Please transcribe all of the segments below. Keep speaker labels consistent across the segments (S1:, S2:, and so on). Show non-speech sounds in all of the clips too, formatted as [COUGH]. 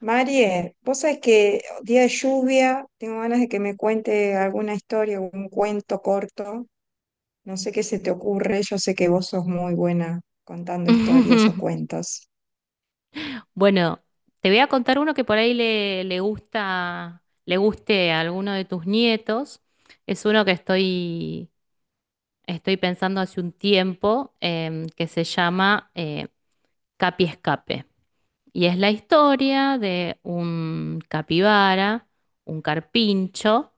S1: Marie, vos sabés que día de lluvia, tengo ganas de que me cuente alguna historia, un cuento corto. No sé qué se te ocurre, yo sé que vos sos muy buena contando historias o
S2: [LAUGHS]
S1: cuentos.
S2: Bueno, te voy a contar uno que por ahí le gusta, le guste a alguno de tus nietos. Es uno que estoy pensando hace un tiempo, que se llama Capi Escape. Y es la historia de un capibara, un carpincho,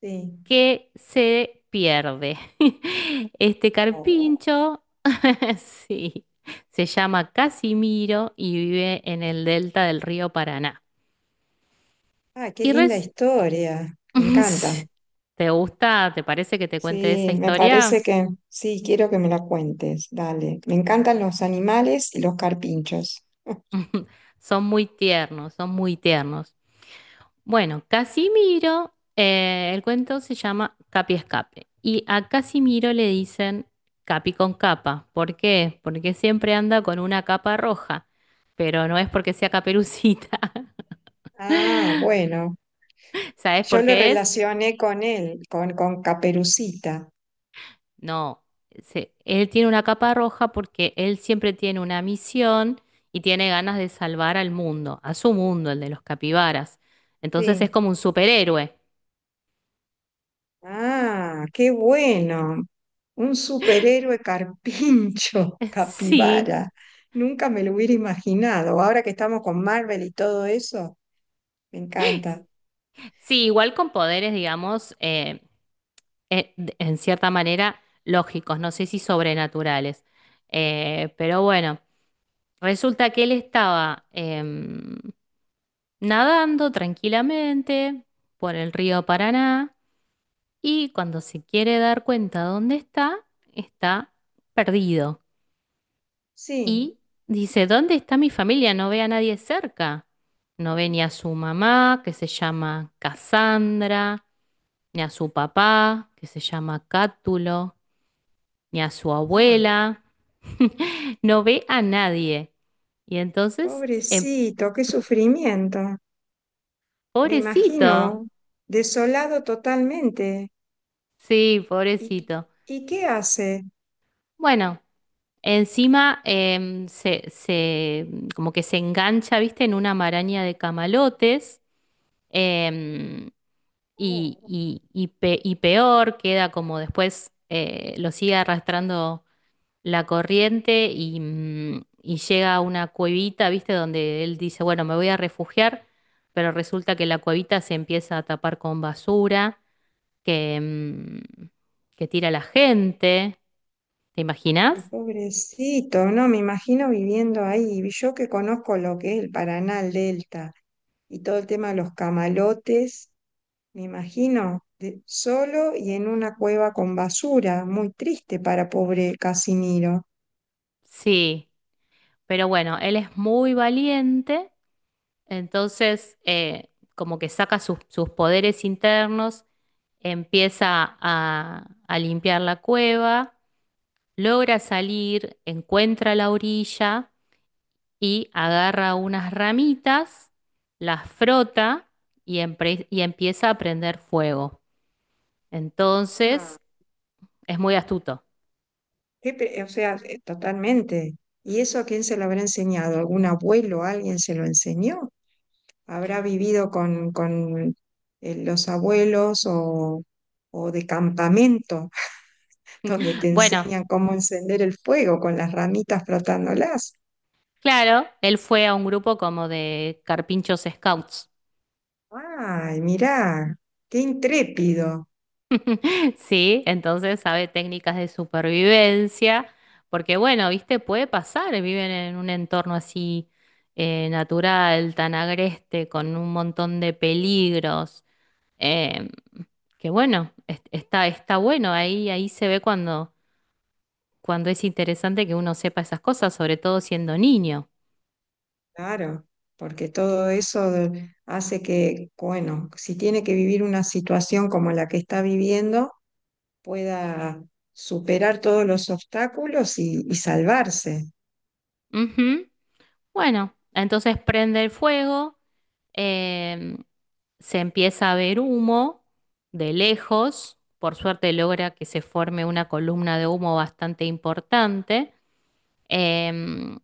S1: Sí.
S2: que se pierde. [LAUGHS] Este
S1: Oh.
S2: carpincho, [LAUGHS] sí, se llama Casimiro y vive en el delta del río Paraná.
S1: Ah, qué
S2: Y
S1: linda historia, me
S2: [LAUGHS]
S1: encanta.
S2: ¿Te gusta? ¿Te parece que te cuente esa
S1: Sí, me parece
S2: historia?
S1: que sí, quiero que me la cuentes, dale. Me encantan los animales y los carpinchos. [LAUGHS]
S2: [LAUGHS] Son muy tiernos, son muy tiernos. Bueno, Casimiro, el cuento se llama Capi Escape. Y a Casimiro le dicen Capi con capa. ¿Por qué? Porque siempre anda con una capa roja, pero no es porque sea caperucita. [LAUGHS]
S1: Ah, bueno,
S2: ¿Sabes por
S1: yo lo
S2: qué es?
S1: relacioné con él, con Caperucita.
S2: No, él tiene una capa roja porque él siempre tiene una misión y tiene ganas de salvar al mundo, a su mundo, el de los capibaras. Entonces es
S1: Sí.
S2: como un superhéroe.
S1: Ah, qué bueno. Un superhéroe carpincho, [LAUGHS]
S2: [LAUGHS] Sí,
S1: capibara. Nunca me lo hubiera imaginado. Ahora que estamos con Marvel y todo eso, me encanta.
S2: sí, igual con poderes, digamos, en cierta manera lógicos, no sé si sobrenaturales. Pero bueno, resulta que él estaba nadando tranquilamente por el río Paraná y cuando se quiere dar cuenta dónde está, está perdido.
S1: Sí.
S2: Y dice, ¿dónde está mi familia? No ve a nadie cerca. No ve ni a su mamá, que se llama Cassandra, ni a su papá, que se llama Cátulo, ni a su
S1: Ah,
S2: abuela, [LAUGHS] no ve a nadie. Y entonces,
S1: pobrecito, qué sufrimiento. Me
S2: pobrecito,
S1: imagino, desolado totalmente.
S2: sí,
S1: ¿Y,
S2: pobrecito.
S1: y qué hace?
S2: Bueno, encima em, se, se- como que se engancha, viste, en una maraña de camalotes. em, y peor, queda como después lo sigue arrastrando la corriente y, y llega a una cuevita, ¿viste? Donde él dice, bueno, me voy a refugiar, pero resulta que la cuevita se empieza a tapar con basura que, que tira la gente. ¿Te
S1: Ay,
S2: imaginas?
S1: pobrecito, no, me imagino viviendo ahí. Y yo que conozco lo que es el Paraná, el Delta y todo el tema de los camalotes, me imagino solo y en una cueva con basura, muy triste para pobre Casiniro.
S2: Sí, pero bueno, él es muy valiente, entonces como que saca sus poderes internos, empieza a limpiar la cueva, logra salir, encuentra la orilla y agarra unas ramitas, las frota y, y empieza a prender fuego.
S1: Ah,
S2: Entonces, es muy astuto.
S1: o sea, totalmente. ¿Y eso a quién se lo habrá enseñado? ¿Algún abuelo? ¿Alguien se lo enseñó? ¿Habrá vivido con los abuelos o de campamento? Donde te
S2: Bueno,
S1: enseñan cómo encender el fuego con las ramitas frotándolas.
S2: claro, él fue a un grupo como de carpinchos scouts,
S1: Ay, mirá, qué intrépido.
S2: [LAUGHS] ¿sí? Entonces sabe técnicas de supervivencia, porque bueno, viste, puede pasar, viven en un entorno así natural, tan agreste, con un montón de peligros. Eh, que bueno, está bueno, ahí se ve cuando es interesante que uno sepa esas cosas, sobre todo siendo niño.
S1: Claro, porque todo eso hace que, bueno, si tiene que vivir una situación como la que está viviendo, pueda superar todos los obstáculos y salvarse.
S2: Ujú. Bueno, entonces prende el fuego, em, se empieza a ver humo de lejos, por suerte logra que se forme una columna de humo bastante importante. Em,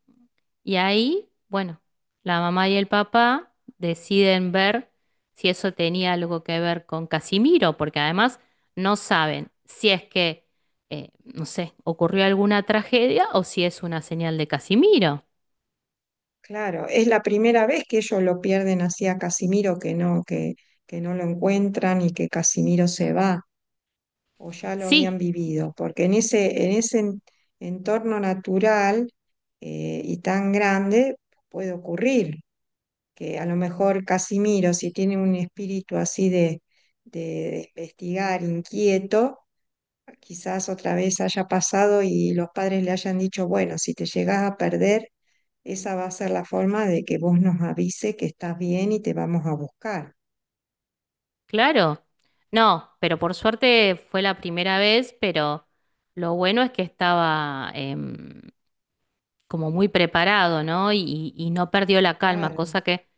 S2: y ahí, bueno, la mamá y el papá deciden ver si eso tenía algo que ver con Casimiro, porque además no saben si es que, no sé, ocurrió alguna tragedia o si es una señal de Casimiro.
S1: Claro, es la primera vez que ellos lo pierden así a Casimiro, que no lo encuentran y que Casimiro se va. O ya lo habían
S2: Sí,
S1: vivido, porque en ese, entorno natural y tan grande puede ocurrir que a lo mejor Casimiro, si tiene un espíritu así de, de investigar, inquieto, quizás otra vez haya pasado y los padres le hayan dicho, bueno, si te llegas a perder, esa va a ser la forma de que vos nos avise que estás bien y te vamos a buscar.
S2: claro. No, pero por suerte fue la primera vez, pero lo bueno es que estaba como muy preparado, ¿no? Y no perdió la calma,
S1: Claro.
S2: cosa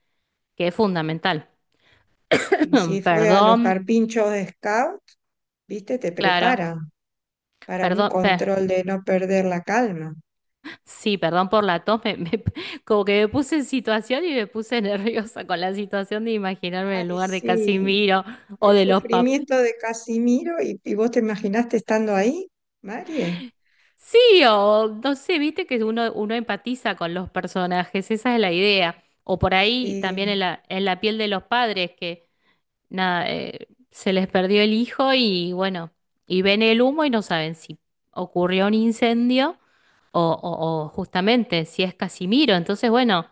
S2: que es fundamental.
S1: Y
S2: Mm,
S1: si fue a los
S2: perdón,
S1: carpinchos de Scout, viste, te
S2: claro,
S1: prepara. Para un
S2: perdón, pe-
S1: control de no perder la calma.
S2: sí, perdón por la tos, [LAUGHS] como que me puse en situación y me puse [LAUGHS] nerviosa con la situación de imaginarme en el
S1: Ay,
S2: lugar de
S1: sí,
S2: Casimiro o
S1: del
S2: de los pap.
S1: sufrimiento de Casimiro y vos te imaginaste estando ahí, Marie.
S2: Sí, o no sé, viste que uno empatiza con los personajes, esa es la idea. O por ahí
S1: Sí,
S2: también en en la piel de los padres, que nada, se les perdió el hijo y bueno, y ven el humo y no saben si ocurrió un incendio o justamente si es Casimiro. Entonces, bueno,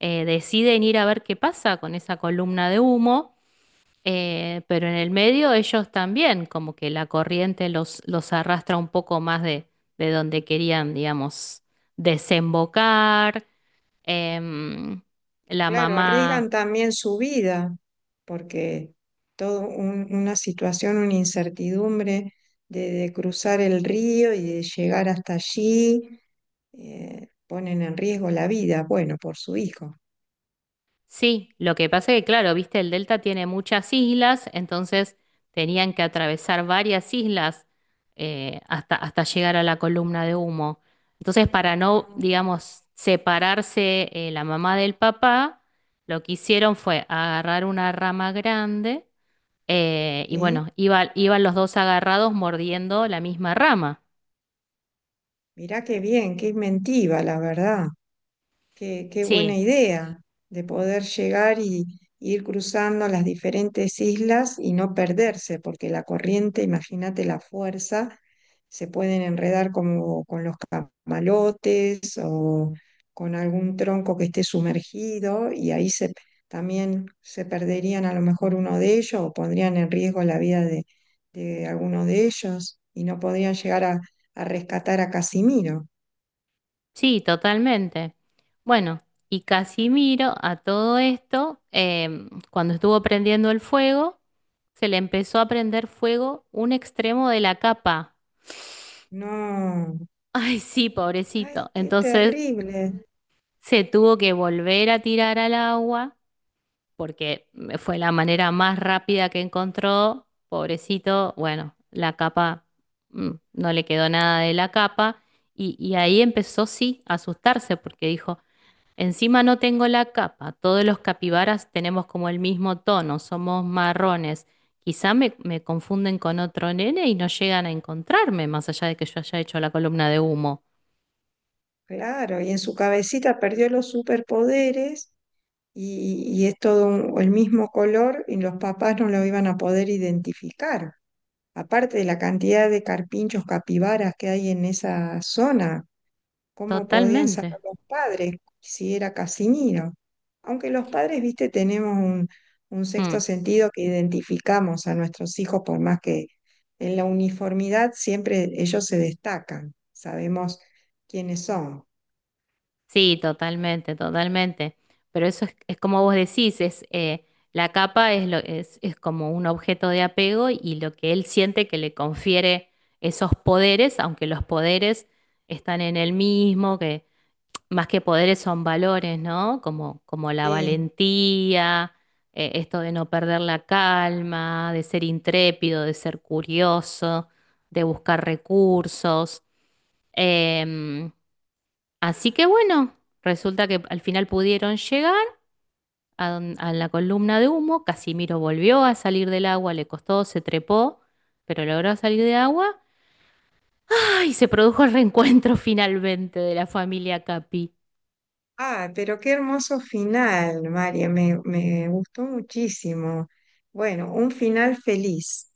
S2: deciden ir a ver qué pasa con esa columna de humo, pero en el medio ellos también, como que la corriente los arrastra un poco más de donde querían, digamos, desembocar. Em, la
S1: claro,
S2: mamá.
S1: arriesgan también su vida porque una situación, una incertidumbre de cruzar el río y de llegar hasta allí, ponen en riesgo la vida, bueno, por su hijo.
S2: Sí, lo que pasa es que, claro, viste, el delta tiene muchas islas, entonces tenían que atravesar varias islas hasta, hasta llegar a la columna de humo. Entonces, para no,
S1: Ah.
S2: digamos, separarse la mamá del papá, lo que hicieron fue agarrar una rama grande y
S1: Sí,
S2: bueno, iban los dos agarrados mordiendo la misma rama.
S1: mirá qué bien, qué inventiva, la verdad. Qué, qué buena
S2: Sí.
S1: idea de poder llegar y ir cruzando las diferentes islas y no perderse, porque la corriente, imagínate la fuerza, se pueden enredar como con los camalotes o con algún tronco que esté sumergido y ahí se, también se perderían a lo mejor uno de ellos o pondrían en riesgo la vida de alguno de ellos y no podrían llegar a rescatar a Casimiro.
S2: Sí, totalmente. Bueno, y Casimiro a todo esto, cuando estuvo prendiendo el fuego, se le empezó a prender fuego un extremo de la capa.
S1: No.
S2: [LAUGHS] Ay, sí,
S1: Ay,
S2: pobrecito.
S1: qué
S2: Entonces
S1: terrible.
S2: se tuvo que volver a tirar al agua porque fue la manera más rápida que encontró. Pobrecito, bueno, la capa, no le quedó nada de la capa. Y ahí empezó, sí, a asustarse porque dijo... Encima no tengo la capa. Todos los capibaras tenemos como el mismo tono, somos marrones. Quizá me confunden con otro nene y no llegan a encontrarme, más allá de que yo haya hecho la columna de humo.
S1: Claro, y en su cabecita perdió los superpoderes y es el mismo color y los papás no lo iban a poder identificar. Aparte de la cantidad de carpinchos capibaras que hay en esa zona, cómo podían saber
S2: Totalmente.
S1: los padres si era Casimiro. Aunque los padres, viste, tenemos un sexto
S2: Mm.
S1: sentido que identificamos a nuestros hijos, por más que en la uniformidad siempre ellos se destacan, sabemos quiénes son.
S2: Sí, totalmente, totalmente. Pero eso es como vos decís, es la capa es como un objeto de apego y lo que él siente que le confiere esos poderes, aunque los poderes están en él mismo, que más que poderes son valores, ¿no? Como, como la
S1: Sí.
S2: valentía, esto de no perder la calma, de ser intrépido, de ser curioso, de buscar recursos. Em, Así que bueno, resulta que al final pudieron llegar a, a la columna de humo. Casimiro volvió a salir del agua, le costó, se trepó, pero logró salir de agua. ¡Ay! Se produjo el reencuentro [LAUGHS] finalmente de la familia Capi.
S1: Ah, pero qué hermoso final, María, me gustó muchísimo. Bueno,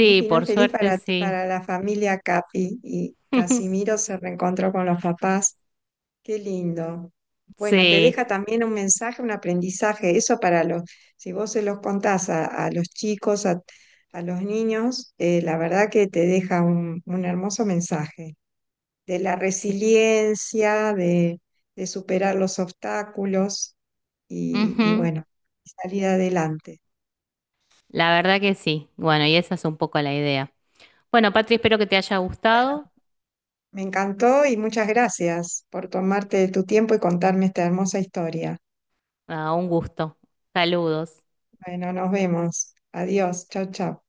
S1: un
S2: por
S1: final feliz
S2: suerte sí.
S1: para la familia Capi y
S2: [LAUGHS]
S1: Casimiro se reencontró con los papás. Qué lindo. Bueno, te
S2: Sí,
S1: deja también un mensaje, un aprendizaje. Eso para los, si vos se los contás a los chicos, a los niños, la verdad que te deja un hermoso mensaje de la
S2: sí.
S1: resiliencia, de superar los obstáculos y
S2: Ujú.
S1: bueno, salir adelante.
S2: La verdad que sí. Bueno, y esa es un poco la idea. Bueno, Patri, espero que te haya gustado.
S1: Me encantó y muchas gracias por tomarte tu tiempo y contarme esta hermosa historia.
S2: Ah, un gusto. Saludos.
S1: Bueno, nos vemos. Adiós. Chau, chau.